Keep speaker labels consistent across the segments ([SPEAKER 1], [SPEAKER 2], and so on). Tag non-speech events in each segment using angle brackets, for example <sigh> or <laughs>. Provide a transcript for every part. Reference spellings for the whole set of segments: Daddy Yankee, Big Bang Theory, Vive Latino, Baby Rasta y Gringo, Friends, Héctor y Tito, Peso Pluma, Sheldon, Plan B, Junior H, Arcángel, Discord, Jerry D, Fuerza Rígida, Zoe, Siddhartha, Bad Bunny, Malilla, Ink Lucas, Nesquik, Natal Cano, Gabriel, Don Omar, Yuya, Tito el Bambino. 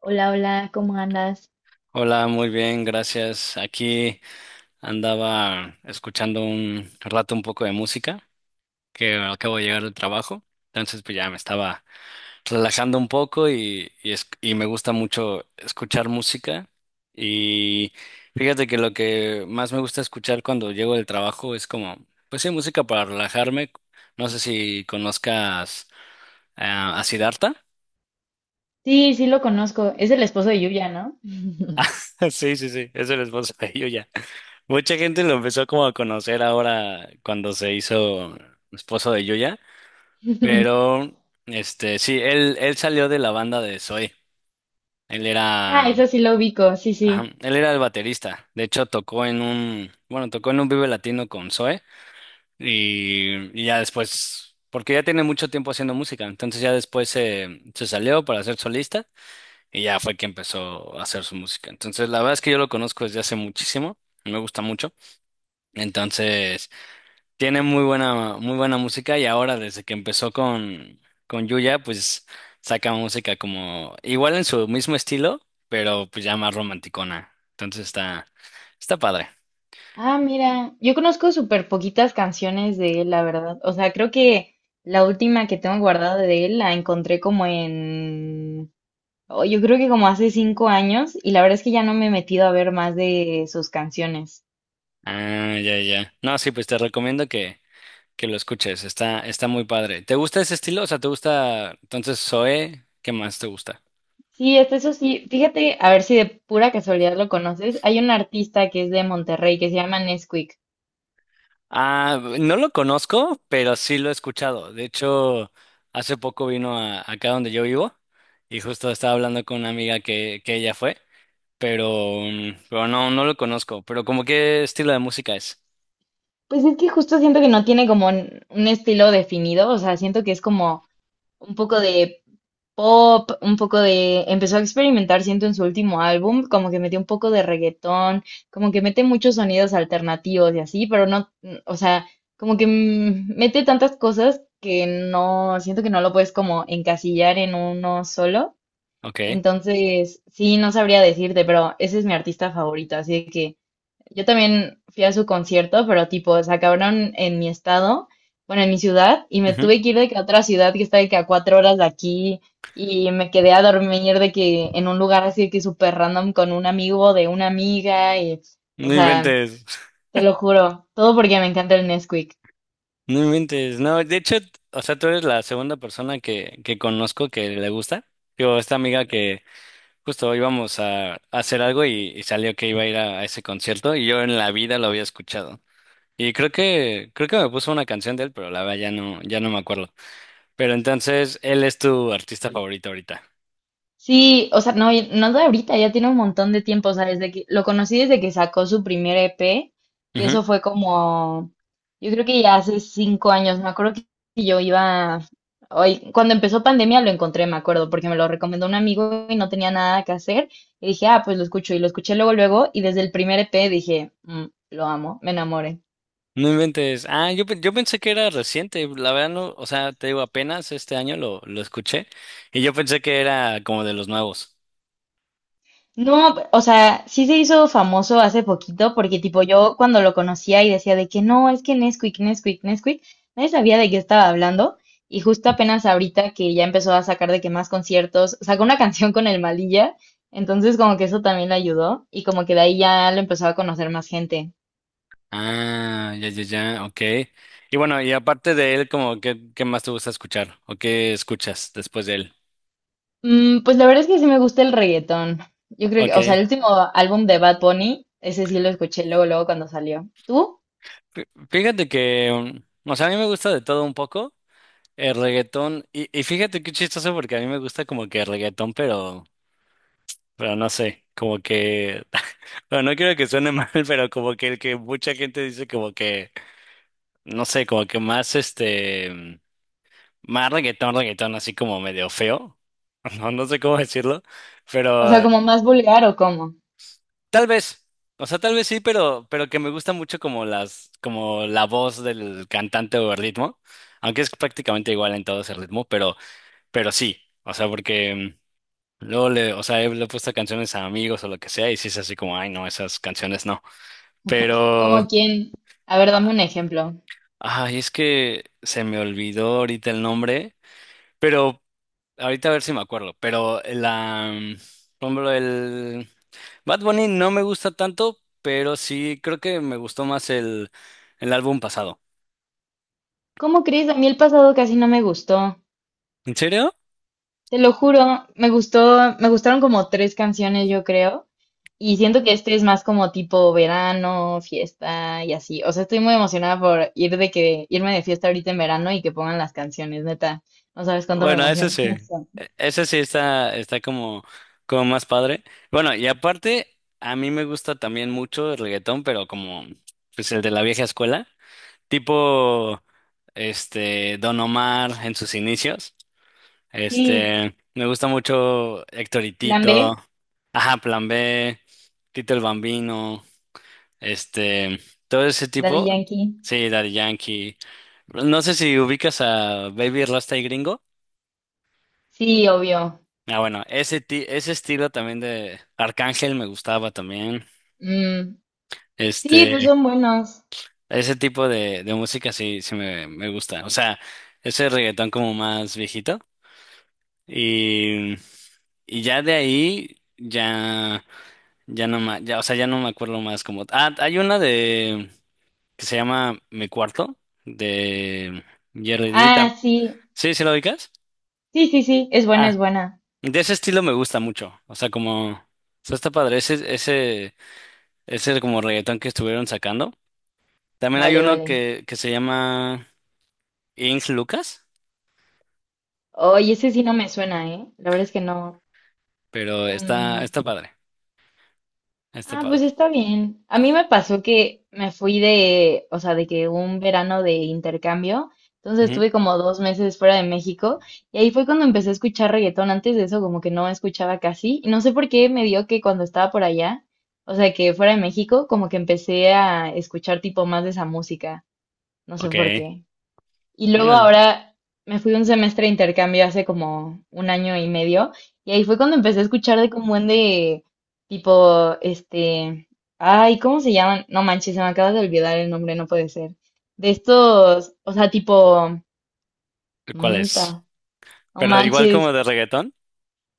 [SPEAKER 1] Hola, hola, ¿cómo andas?
[SPEAKER 2] Hola, muy bien, gracias. Aquí andaba escuchando un rato un poco de música, que acabo de llegar del trabajo, entonces pues ya me estaba relajando un poco y me gusta mucho escuchar música y fíjate que lo que más me gusta escuchar cuando llego del trabajo es como, pues sí, música para relajarme. No sé si conozcas a Siddhartha. <laughs>
[SPEAKER 1] Sí, sí lo conozco. Es el esposo de Yuya, ¿no?
[SPEAKER 2] Sí, sí, sí, es el esposo de ya. Mucha gente lo empezó como a conocer ahora cuando se hizo esposo de Yuya,
[SPEAKER 1] <laughs>
[SPEAKER 2] pero este sí, él salió de la banda de Zoe. Él
[SPEAKER 1] Ah,
[SPEAKER 2] era,
[SPEAKER 1] eso sí lo ubico, sí,
[SPEAKER 2] ajá,
[SPEAKER 1] sí.
[SPEAKER 2] él era el baterista. De hecho, tocó en un Vive Latino con Zoe y ya después, porque ya tiene mucho tiempo haciendo música, entonces ya después se salió para ser solista y ya fue que empezó a hacer su música. Entonces, la verdad es que yo lo conozco desde hace muchísimo, me gusta mucho. Entonces... Tiene muy buena música y ahora desde que empezó con Yuya, pues saca música como igual en su mismo estilo, pero pues ya más romanticona. Entonces está padre.
[SPEAKER 1] Ah, mira, yo conozco súper poquitas canciones de él, la verdad. O sea, creo que la última que tengo guardada de él la encontré oh, yo creo que como hace 5 años y la verdad es que ya no me he metido a ver más de sus canciones.
[SPEAKER 2] Ah, ya, ya. No, sí, pues te recomiendo que lo escuches. Está muy padre. ¿Te gusta ese estilo? O sea, ¿te gusta entonces Zoé? ¿Qué más te gusta?
[SPEAKER 1] Sí, hasta eso sí. Fíjate, a ver si de pura casualidad lo conoces. Hay un artista que es de Monterrey que se llama Nesquik.
[SPEAKER 2] Ah, no lo conozco, pero sí lo he escuchado. De hecho, hace poco vino a, acá donde yo vivo y justo estaba hablando con una amiga que ella fue, pero, pero no, no lo conozco. Pero como qué estilo de música es.
[SPEAKER 1] Pues es que justo siento que no tiene como un estilo definido, o sea, siento que es como un poco de pop, empezó a experimentar, siento, en su último álbum, como que metió un poco de reggaetón, como que mete muchos sonidos alternativos y así, pero no, o sea, como que mete tantas cosas que no, siento que no lo puedes como encasillar en uno solo.
[SPEAKER 2] Ok.
[SPEAKER 1] Entonces, sí, no sabría decirte, pero ese es mi artista favorito, así de que yo también fui a su concierto, pero tipo, se acabaron en mi estado, bueno, en mi ciudad, y me
[SPEAKER 2] Ujú.
[SPEAKER 1] tuve que ir de que a otra ciudad que está de que a 4 horas de aquí, y me quedé a dormir de que en un lugar así de que súper random con un amigo de una amiga, y, o
[SPEAKER 2] No
[SPEAKER 1] sea,
[SPEAKER 2] inventes. <laughs>
[SPEAKER 1] te lo juro, todo porque me encanta el Nesquik.
[SPEAKER 2] No inventes. No, de hecho, o sea, tú eres la segunda persona que conozco que le gusta. Yo esta amiga que a hacer algo y salió que iba a ir a ese concierto y yo en la vida lo había escuchado. Y creo que me puso una canción de él, pero la verdad ya no me acuerdo. Pero entonces, él es tu artista favorito ahorita.
[SPEAKER 1] Sí, o sea, no, no de ahorita, ya tiene un montón de tiempo, o sea, desde que lo conocí desde que sacó su primer EP, que
[SPEAKER 2] Ujú.
[SPEAKER 1] eso fue como, yo creo que ya hace 5 años, me acuerdo que yo iba, hoy, cuando empezó pandemia lo encontré, me acuerdo, porque me lo recomendó un amigo y no tenía nada que hacer, y dije, ah, pues lo escucho, y lo escuché luego, luego, y desde el primer EP dije, "Mm, lo amo, me enamoré."
[SPEAKER 2] No inventes. Ah, yo pensé que era reciente. La verdad no, o sea, te digo, apenas este año lo escuché. Y yo pensé que era como de los nuevos.
[SPEAKER 1] No, o sea, sí se hizo famoso hace poquito porque tipo yo cuando lo conocía y decía de que no, es que Nesquik, Nesquik, Nesquik, nadie sabía de qué estaba hablando y justo apenas ahorita que ya empezó a sacar de que más conciertos, sacó una <laughs> canción con el Malilla, entonces como que eso también le ayudó y como que de ahí ya lo empezó a conocer más gente.
[SPEAKER 2] Ah, ya, ya, ya, ok. Y bueno, y aparte de él, como qué más te gusta escuchar o qué escuchas después de él.
[SPEAKER 1] Pues la verdad es que sí me gusta el reggaetón. Yo creo que, o sea,
[SPEAKER 2] Ok.
[SPEAKER 1] el último álbum de Bad Bunny, ese sí lo escuché luego, luego cuando salió. ¿Tú?
[SPEAKER 2] Fíjate que o sea, a mí me gusta de todo un poco. El reggaetón, y fíjate qué chistoso porque a mí me gusta como que el reggaetón, pero no sé, como que, <laughs> bueno, no quiero que suene <laughs> mal, pero como que el que mucha gente dice como que, no sé, como que más este, más reggaetón, reggaetón, así como medio feo, <laughs> no, no sé cómo decirlo,
[SPEAKER 1] ¿O sea,
[SPEAKER 2] pero
[SPEAKER 1] como más vulgar o cómo?
[SPEAKER 2] tal vez, o sea, tal vez sí, pero que me gusta mucho como como la voz del cantante o el ritmo, aunque es prácticamente igual en todo ese ritmo, pero sí, o sea, porque... Luego o sea, le he puesto canciones a amigos o lo que sea, y sí es así como, ay, no, esas canciones no. Pero,
[SPEAKER 1] Como quien, a ver, dame un
[SPEAKER 2] a-
[SPEAKER 1] ejemplo.
[SPEAKER 2] ay, es que se me olvidó ahorita el nombre, pero ahorita a ver si me acuerdo. Pero por ejemplo, el Bad Bunny no me gusta tanto, pero sí creo que me gustó más el álbum pasado.
[SPEAKER 1] ¿Cómo crees? A mí el pasado casi no me gustó.
[SPEAKER 2] ¿En serio?
[SPEAKER 1] Te lo juro, me gustó, me gustaron como tres canciones, yo creo. Y siento que este es más como tipo verano, fiesta y así. O sea, estoy muy emocionada por ir de que irme de fiesta ahorita en verano y que pongan las canciones, neta. No sabes cuánto me
[SPEAKER 2] Bueno, ese
[SPEAKER 1] emociona
[SPEAKER 2] sí.
[SPEAKER 1] <laughs> eso.
[SPEAKER 2] Ese sí está como, como más padre. Bueno, y aparte, a mí me gusta también mucho el reggaetón, pero como pues el de la vieja escuela, tipo este Don Omar en sus inicios.
[SPEAKER 1] Sí,
[SPEAKER 2] Este, me gusta mucho Héctor y
[SPEAKER 1] Plan
[SPEAKER 2] Tito,
[SPEAKER 1] B,
[SPEAKER 2] ajá, Plan B, Tito el Bambino, este, todo ese
[SPEAKER 1] Daddy
[SPEAKER 2] tipo.
[SPEAKER 1] Yankee.
[SPEAKER 2] Sí, Daddy Yankee. No sé si ubicas a Baby Rasta y Gringo.
[SPEAKER 1] Sí, obvio.
[SPEAKER 2] Ah, bueno, ese, ese estilo también de Arcángel me gustaba también.
[SPEAKER 1] Mm, sí,
[SPEAKER 2] Este,
[SPEAKER 1] pues son buenos.
[SPEAKER 2] ese tipo de música sí, me gusta. O sea, ese reggaetón como más viejito. Y, y ya de ahí, ya, ya no ma- ya, o sea, ya no me acuerdo más como. Ah, hay una de que se llama Mi Cuarto, de Jerry D.
[SPEAKER 1] Ah, sí.
[SPEAKER 2] ¿Sí, sí lo ubicas?
[SPEAKER 1] Sí, sí, sí, es buena, es
[SPEAKER 2] Ah,
[SPEAKER 1] buena.
[SPEAKER 2] de ese estilo me gusta mucho. O sea, como. O sea, está padre. Ese, ese. Ese es como reggaetón que estuvieron sacando. También hay
[SPEAKER 1] Vale,
[SPEAKER 2] uno
[SPEAKER 1] vale.
[SPEAKER 2] que se llama Ink Lucas,
[SPEAKER 1] Oye, ese sí no me suena, ¿eh? La verdad es que no.
[SPEAKER 2] pero está,
[SPEAKER 1] Mm,
[SPEAKER 2] está padre. Está
[SPEAKER 1] ah,
[SPEAKER 2] padre.
[SPEAKER 1] pues está bien. A mí me pasó que me fui de, o sea, de que un verano de intercambio, entonces
[SPEAKER 2] Ujú.
[SPEAKER 1] estuve como 2 meses fuera de México y ahí fue cuando empecé a escuchar reggaetón. Antes de eso como que no escuchaba casi y no sé por qué me dio que cuando estaba por allá, o sea, que fuera de México, como que empecé a escuchar tipo más de esa música. No sé por
[SPEAKER 2] Ok.
[SPEAKER 1] qué. Y luego
[SPEAKER 2] Órale.
[SPEAKER 1] ahora me fui un semestre de intercambio hace como un año y medio. Y ahí fue cuando empecé a escuchar de como un de tipo, este, ay, ¿cómo se llaman? No manches, se me acaba de olvidar el nombre, no puede ser. De estos, o sea, tipo,
[SPEAKER 2] ¿Cuál
[SPEAKER 1] mm, ta,
[SPEAKER 2] es?
[SPEAKER 1] no
[SPEAKER 2] Pero igual
[SPEAKER 1] manches,
[SPEAKER 2] como de reggaetón.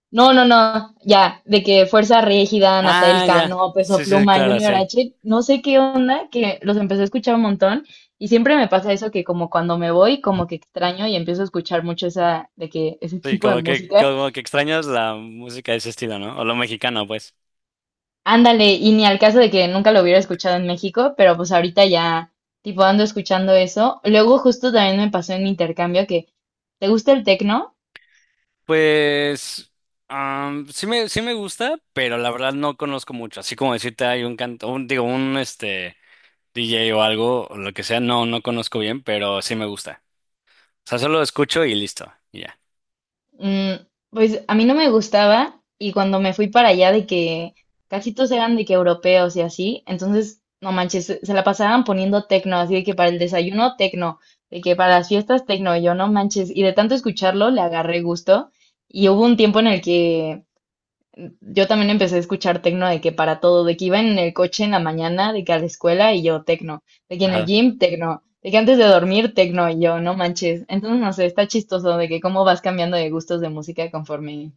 [SPEAKER 1] no, no, no, ya, de que Fuerza Rígida, Natal
[SPEAKER 2] Ah, ya.
[SPEAKER 1] Cano, Peso
[SPEAKER 2] Sí, sí,
[SPEAKER 1] Pluma,
[SPEAKER 2] claro,
[SPEAKER 1] Junior
[SPEAKER 2] sí.
[SPEAKER 1] H, no sé qué onda, que los empecé a escuchar un montón y siempre me pasa eso que como cuando me voy, como que extraño y empiezo a escuchar mucho esa, de que ese
[SPEAKER 2] Sí,
[SPEAKER 1] tipo de música.
[SPEAKER 2] como que extrañas la música de ese estilo, ¿no? O lo mexicano, pues.
[SPEAKER 1] Ándale, y ni al caso de que nunca lo hubiera escuchado en México, pero pues ahorita ya, tipo, ando escuchando eso. Luego justo también me pasó en mi intercambio que, ¿te gusta el tecno?
[SPEAKER 2] Pues sí me gusta, pero la verdad no conozco mucho. Así como decirte hay un canto, digo, un este. DJ o algo, o lo que sea, no, no conozco bien, pero sí me gusta. O sea, solo escucho y listo, y ya.
[SPEAKER 1] Pues a mí no me gustaba y cuando me fui para allá de que casi todos eran de que europeos y así, entonces, no manches, se la pasaban poniendo tecno, así de que para el desayuno tecno, de que para las fiestas tecno, y yo no manches, y de tanto escucharlo le agarré gusto y hubo un tiempo en el que yo también empecé a escuchar tecno de que para todo, de que iba en el coche en la mañana, de que a la escuela y yo tecno, de que en el
[SPEAKER 2] Ajá.
[SPEAKER 1] gym tecno, de que antes de dormir tecno y yo, no manches. Entonces, no sé, está chistoso de que cómo vas cambiando de gustos de música conforme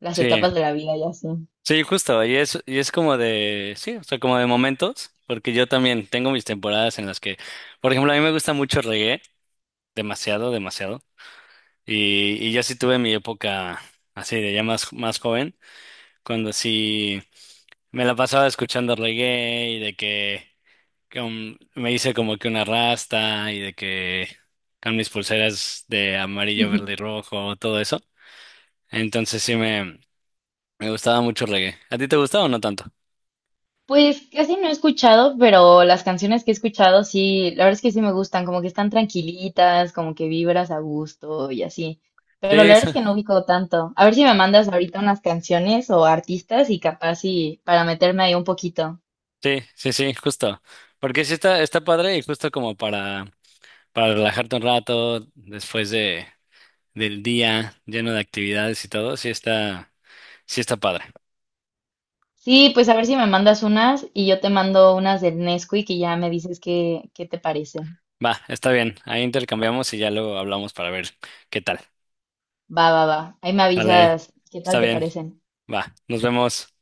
[SPEAKER 1] las
[SPEAKER 2] Sí,
[SPEAKER 1] etapas de la vida y así.
[SPEAKER 2] sí, justo, y es como de, sí, o sea, como de momentos, porque yo también tengo mis temporadas en las que, por ejemplo, a mí me gusta mucho reggae, demasiado, demasiado, y yo sí tuve mi época así de ya más, más joven, cuando sí me la pasaba escuchando reggae y de que... me hice como que una rasta y de que con mis pulseras de amarillo, verde y rojo, todo eso. Entonces me gustaba mucho el reggae. ¿A ti te gustaba o no tanto?
[SPEAKER 1] Pues casi no he escuchado, pero las canciones que he escuchado sí, la verdad es que sí me gustan, como que están tranquilitas, como que vibras a gusto y así. Pero
[SPEAKER 2] Sí,
[SPEAKER 1] la verdad
[SPEAKER 2] <laughs>
[SPEAKER 1] es que no ubico tanto. A ver si me mandas ahorita unas canciones o artistas y capaz sí, para meterme ahí un poquito.
[SPEAKER 2] sí, sí, sí, justo. Porque sí está, está padre y justo como para relajarte un rato después de, del día lleno de actividades y todo, sí está padre.
[SPEAKER 1] Sí, pues a ver si me mandas unas y yo te mando unas del Nesquik y ya me dices qué te parece.
[SPEAKER 2] Va, está bien. Ahí intercambiamos y ya luego hablamos para ver qué tal.
[SPEAKER 1] Va, va, va. Ahí me
[SPEAKER 2] Sale,
[SPEAKER 1] avisas qué
[SPEAKER 2] está
[SPEAKER 1] tal te
[SPEAKER 2] bien.
[SPEAKER 1] parecen.
[SPEAKER 2] Va, nos vemos.